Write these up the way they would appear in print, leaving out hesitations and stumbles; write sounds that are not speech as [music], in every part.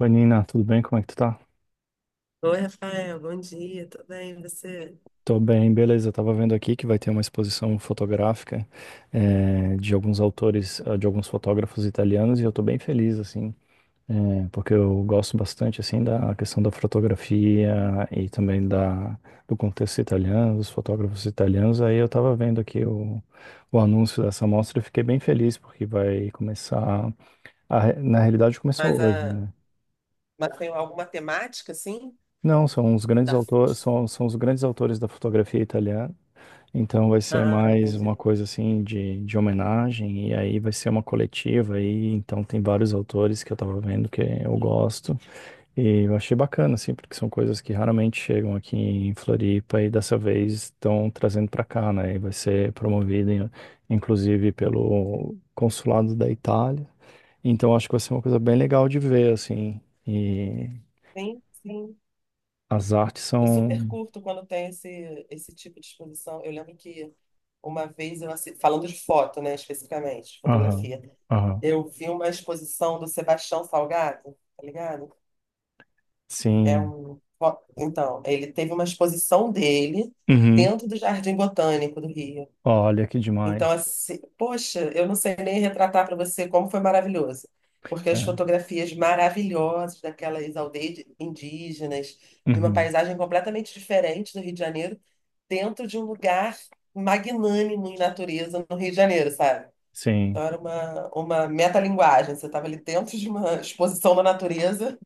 Oi, Nina, tudo bem? Como é que tu tá? Oi, Rafael, bom dia, tudo bem? E você? Tô bem, beleza. Eu tava vendo aqui que vai ter uma exposição fotográfica de alguns autores, de alguns fotógrafos italianos e eu tô bem feliz, assim, porque eu gosto bastante, assim, da questão da fotografia e também do contexto italiano, dos fotógrafos italianos. Aí eu tava vendo aqui o anúncio dessa mostra e fiquei bem feliz porque vai começar, na realidade Mas, começou hoje, a... né? Mas tem alguma temática, assim? Não, são os grandes Da... autores, são os grandes autores da fotografia italiana. Então vai ser Ah, mais entendi. uma coisa assim de homenagem, e aí vai ser uma coletiva aí, então tem vários autores que eu tava vendo que eu gosto, e eu achei bacana, assim, porque são coisas que raramente chegam aqui em Floripa e dessa vez estão trazendo para cá, né? E vai ser promovido, inclusive, pelo consulado da Itália. Então acho que vai ser uma coisa bem legal de ver, assim, e Sim, sim. as artes Eu super são. curto quando tem esse tipo de exposição. Eu lembro que uma vez, eu assi- falando de foto, né, especificamente, de Aham, fotografia, aham, eu vi uma exposição do Sebastião Salgado, tá ligado? É sim. um... fo- Então, ele teve uma exposição dele Uhum. dentro do Jardim Botânico do Rio. Olha que Então, demais. assim, poxa, eu não sei nem retratar para você como foi maravilhoso, porque as É. fotografias maravilhosas daquelas aldeias de- indígenas, de uma Uhum, paisagem completamente diferente do Rio de Janeiro, dentro de um lugar magnânimo em natureza no Rio de Janeiro, sabe? sim. Então, era uma metalinguagem, você estava ali dentro de uma exposição da natureza,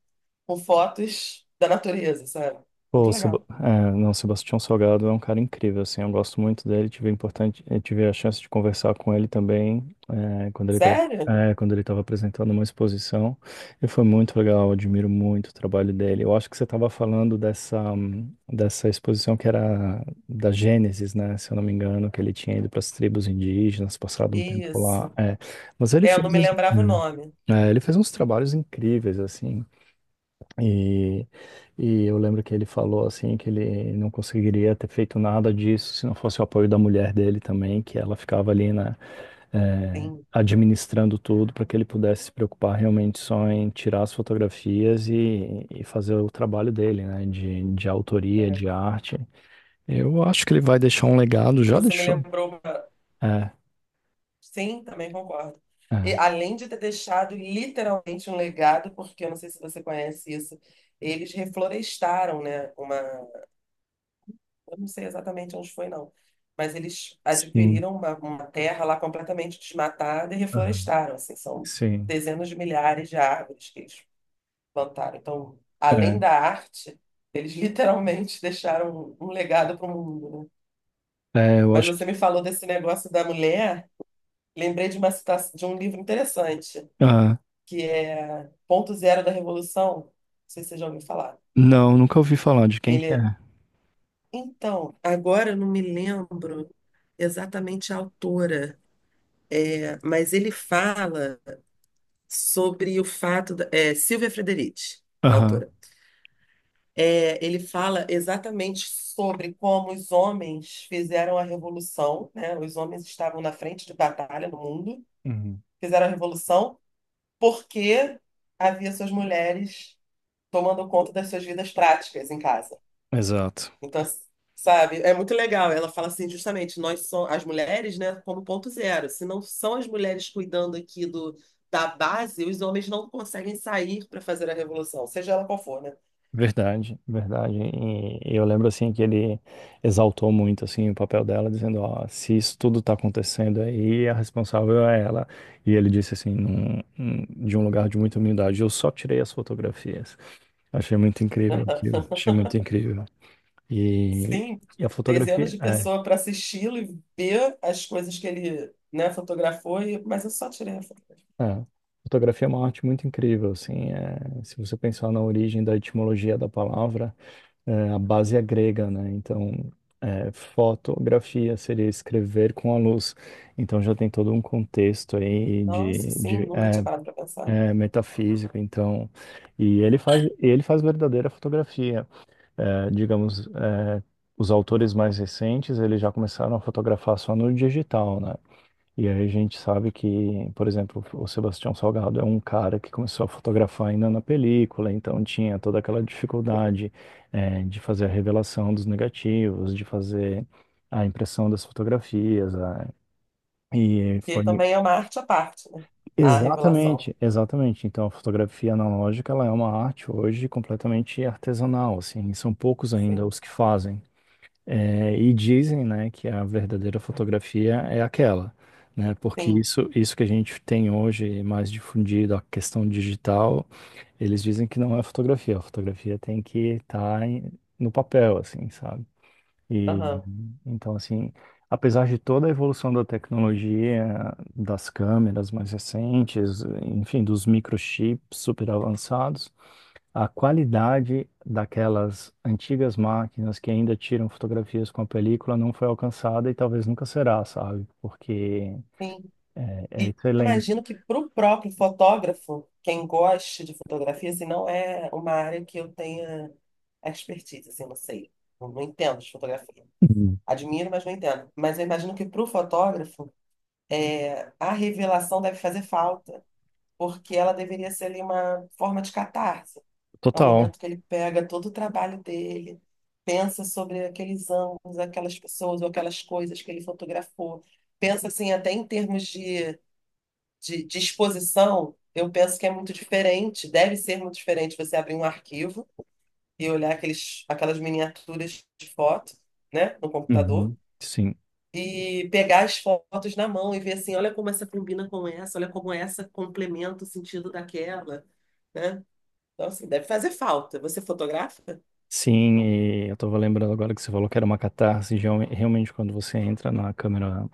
com fotos da natureza, sabe? Pô, Muito o Seb... legal. é, não, Sebastião Salgado é um cara incrível, assim, eu gosto muito dele, tive importante, eu tive a chance de conversar com ele também, é, quando ele estava Sério? é, quando ele estava apresentando uma exposição, e foi muito legal, eu admiro muito o trabalho dele. Eu acho que você estava falando dessa, dessa exposição que era da Gênesis, né, se eu não me engano, que ele tinha ido para as tribos indígenas, passado um tempo lá, Isso. é, mas ele É, eu não fez, me lembrava o nome. Ele fez uns trabalhos incríveis, assim, E, e eu lembro que ele falou assim que ele não conseguiria ter feito nada disso se não fosse o apoio da mulher dele também, que ela ficava ali, né, Sim, administrando tudo para que ele pudesse se preocupar realmente só em tirar as fotografias e fazer o trabalho dele, né, de autoria, é. de arte. Eu acho que ele vai deixar um legado, já Você me deixou. lembrou. É, Sim, também concordo. E, é, além de ter deixado literalmente um legado, porque eu não sei se você conhece isso, eles reflorestaram, né? Uma, eu não sei exatamente onde foi, não, mas eles sim, adquiriram uma terra lá completamente desmatada e aham, reflorestaram. Assim, são sim, dezenas de milhares de árvores que eles plantaram. Então, além é, da arte, eles literalmente [laughs] deixaram um legado para o mundo, né? é, eu Mas acho que, você me falou desse negócio da mulher, lembrei de uma citação de um livro interessante ah, que é Ponto Zero da Revolução. Não sei se você já ouviu falar. não, nunca ouvi falar de quem que Ele. é. Então, agora eu não me lembro exatamente a autora, é, mas ele fala sobre o fato. Da- É, Silvia Frederici, a Aham. autora. É, ele fala exatamente sobre como os homens fizeram a revolução, né? Os homens estavam na frente de batalha no mundo, Uhum. fizeram a revolução porque havia suas mulheres tomando conta das suas vidas práticas em casa. Exato. Então, sabe, é muito legal. Ela fala assim, justamente, nós somos as mulheres, né, como ponto zero. Se não são as mulheres cuidando aqui do, da base, os homens não conseguem sair para fazer a revolução, seja ela qual for, né? Verdade, verdade. E eu lembro assim que ele exaltou muito assim o papel dela, dizendo, ó, se isso tudo tá acontecendo aí, a responsável é ela. E ele disse assim, de um lugar de muita humildade, eu só tirei as fotografias. Achei muito incrível aquilo. [laughs] Achei muito incrível. E, Sim, e a dezenas fotografia de é, pessoas para assisti-lo e ver as coisas que ele, né, fotografou, e, mas eu só tirei a foto. é, fotografia é uma arte muito incrível, assim. É, se você pensar na origem da etimologia da palavra. É, a base é grega, né? Então, é, fotografia seria escrever com a luz. Então, já tem todo um contexto aí Nossa, sim, de nunca tinha parado para pensar. é, metafísico. Então, e ele faz verdadeira fotografia. É, digamos, é, os autores mais recentes, eles já começaram a fotografar só no digital, né? E aí a gente sabe que, por exemplo, o Sebastião Salgado é um cara que começou a fotografar ainda na película, então tinha toda aquela dificuldade, de fazer a revelação dos negativos, de fazer a impressão das fotografias. E E foi também é uma arte à parte, né? A revelação. exatamente, exatamente. Então a fotografia analógica ela é uma arte hoje completamente artesanal, assim, são poucos ainda Sim, os que fazem. É, e dizem, né, que a verdadeira fotografia é aquela, né? Porque sim, isso que a gente tem hoje mais difundido, a questão digital, eles dizem que não é fotografia. A fotografia tem que estar no papel, assim, sabe? E aham, então, assim, apesar de toda a evolução da tecnologia, das câmeras mais recentes, enfim, dos microchips super avançados, a qualidade daquelas antigas máquinas que ainda tiram fotografias com a película não foi alcançada e talvez nunca será, sabe? Porque sim. é, é E excelente. imagino que para o próprio fotógrafo, quem gosta de fotografia, assim, não é uma área que eu tenha expertise, assim, não sei. Eu não entendo de fotografia. Uhum. Admiro, mas não entendo. Mas eu imagino que para o fotógrafo, é, a revelação deve fazer falta, porque ela deveria ser ali uma forma de catarse. É o Total. momento que ele pega todo o trabalho dele, pensa sobre aqueles ângulos, aquelas pessoas ou aquelas coisas que ele fotografou. Pensa, assim, até em termos de de exposição, eu penso que é muito diferente, deve ser muito diferente você abrir um arquivo e olhar aqueles, aquelas miniaturas de foto, né, no computador, Uhum. Sim. e pegar as fotos na mão e ver assim, olha como essa combina com essa, olha como essa complementa o sentido daquela, né? Então, assim, deve fazer falta. Você fotografa? Sim, e eu estava lembrando agora que você falou que era uma catarse, e realmente quando você entra na câmera,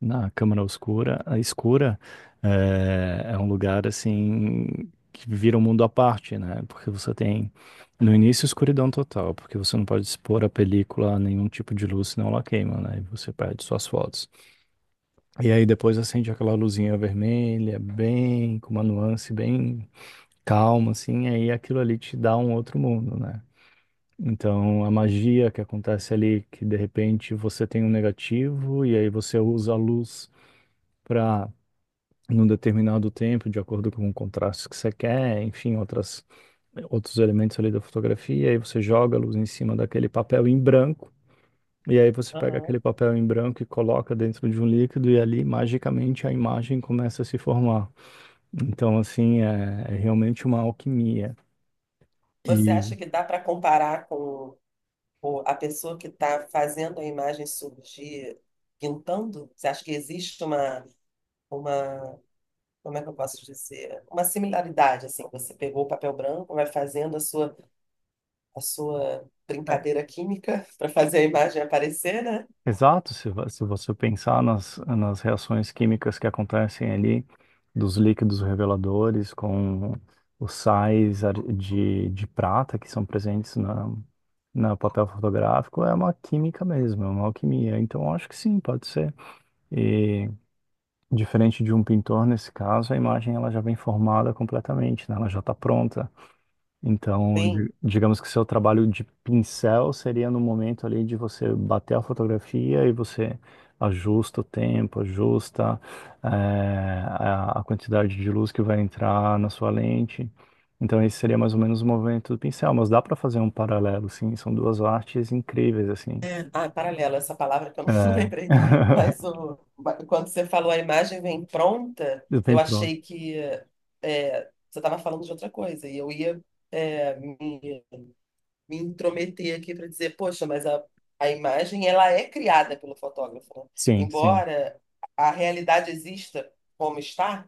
na Câmara Oscura, a escura, é, é um lugar assim que vira um mundo à parte, né? Porque você tem no início escuridão total, porque você não pode expor a película a nenhum tipo de luz, senão ela queima, né? E você perde suas fotos. E aí depois acende aquela luzinha vermelha, bem com uma nuance bem calma, assim, aí aquilo ali te dá um outro mundo, né? Então, a magia que acontece ali, que de repente você tem um negativo e aí você usa a luz para num determinado tempo, de acordo com o contraste que você quer, enfim, outros elementos ali da fotografia, aí você joga a luz em cima daquele papel em branco, e aí você pega Aham. aquele papel em branco e coloca dentro de um líquido, e ali, magicamente, a imagem começa a se formar. Então, assim, é, é realmente uma alquimia. Você E acha que dá para comparar com o- a pessoa que está fazendo a imagem surgir, pintando? Você acha que existe uma como é que eu posso dizer? Uma similaridade, assim, você pegou o papel branco, vai fazendo a sua brincadeira química [laughs] para fazer a imagem aparecer, né? exato, se você pensar nas reações químicas que acontecem ali, dos líquidos reveladores com os sais de prata que são presentes na, na papel fotográfico, é uma química mesmo, é uma alquimia. Então, eu acho que sim, pode ser. E diferente de um pintor, nesse caso, a imagem ela já vem formada completamente, né? Ela já está pronta. Então, Sim. Digamos que seu trabalho de pincel seria no momento ali de você bater a fotografia e você ajusta o tempo, ajusta eh, a quantidade de luz que vai entrar na sua lente. Então, esse seria mais ou menos o movimento do pincel, mas dá para fazer um paralelo, sim. São duas artes incríveis, assim. Ah, é paralelo, essa palavra que eu não, [laughs] não É. lembrei. Mas [laughs] o, quando você falou a imagem vem pronta, Bem eu pronto. achei que é, você estava falando de outra coisa e eu ia é, me intrometer aqui para dizer, poxa, mas a imagem ela é criada pelo fotógrafo, né? Sim, sim, Embora a realidade exista como está,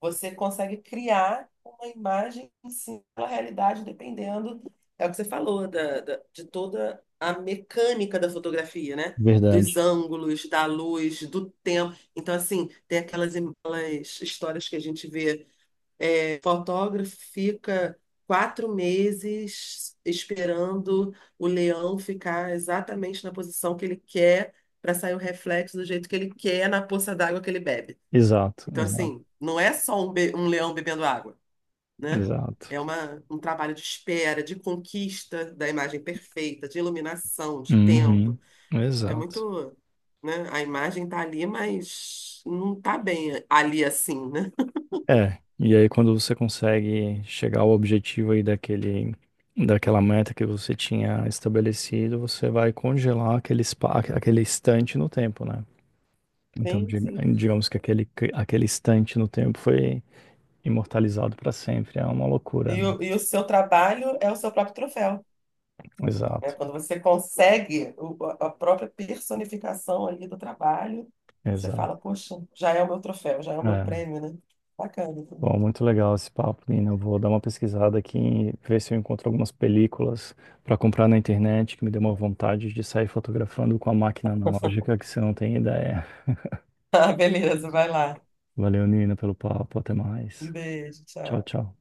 você consegue criar uma imagem em cima da realidade, dependendo, é o que você falou, da, da- de toda a mecânica da fotografia, né? Dos verdade. ângulos, da luz, do tempo. Então, assim, tem aquelas, aquelas histórias que a gente vê fotógrafo fica 4 meses esperando o leão ficar exatamente na posição que ele quer para sair o reflexo do jeito que ele quer na poça d'água que ele bebe. Exato, Então, exato, assim, não é só um, be- um leão bebendo água, né? exato. É uma, um trabalho de espera, de conquista da imagem perfeita, de iluminação, de Uhum, tempo. É exato. muito, né? A imagem tá ali, mas não tá bem ali assim, né? É, e aí quando você consegue chegar ao objetivo aí daquele, daquela meta que você tinha estabelecido, você vai congelar aquele instante no tempo, né? Então, Sim, sim. digamos que aquele, aquele instante no tempo foi imortalizado para sempre. É uma loucura, né? E o seu trabalho é o seu próprio troféu, né? Exato, Quando você consegue o- a própria personificação ali do trabalho, você fala, exato. poxa, já é o meu troféu, já é o meu É. prêmio, né? Bacana. Bom, [laughs] muito legal esse papo, Nina. Eu vou dar uma pesquisada aqui e ver se eu encontro algumas películas para comprar na internet, que me deu uma vontade de sair fotografando com a máquina analógica, que você não tem ideia. Ah, beleza, vai lá. Valeu, Nina, pelo papo. Até Um mais. beijo, Tchau, tchau. tchau.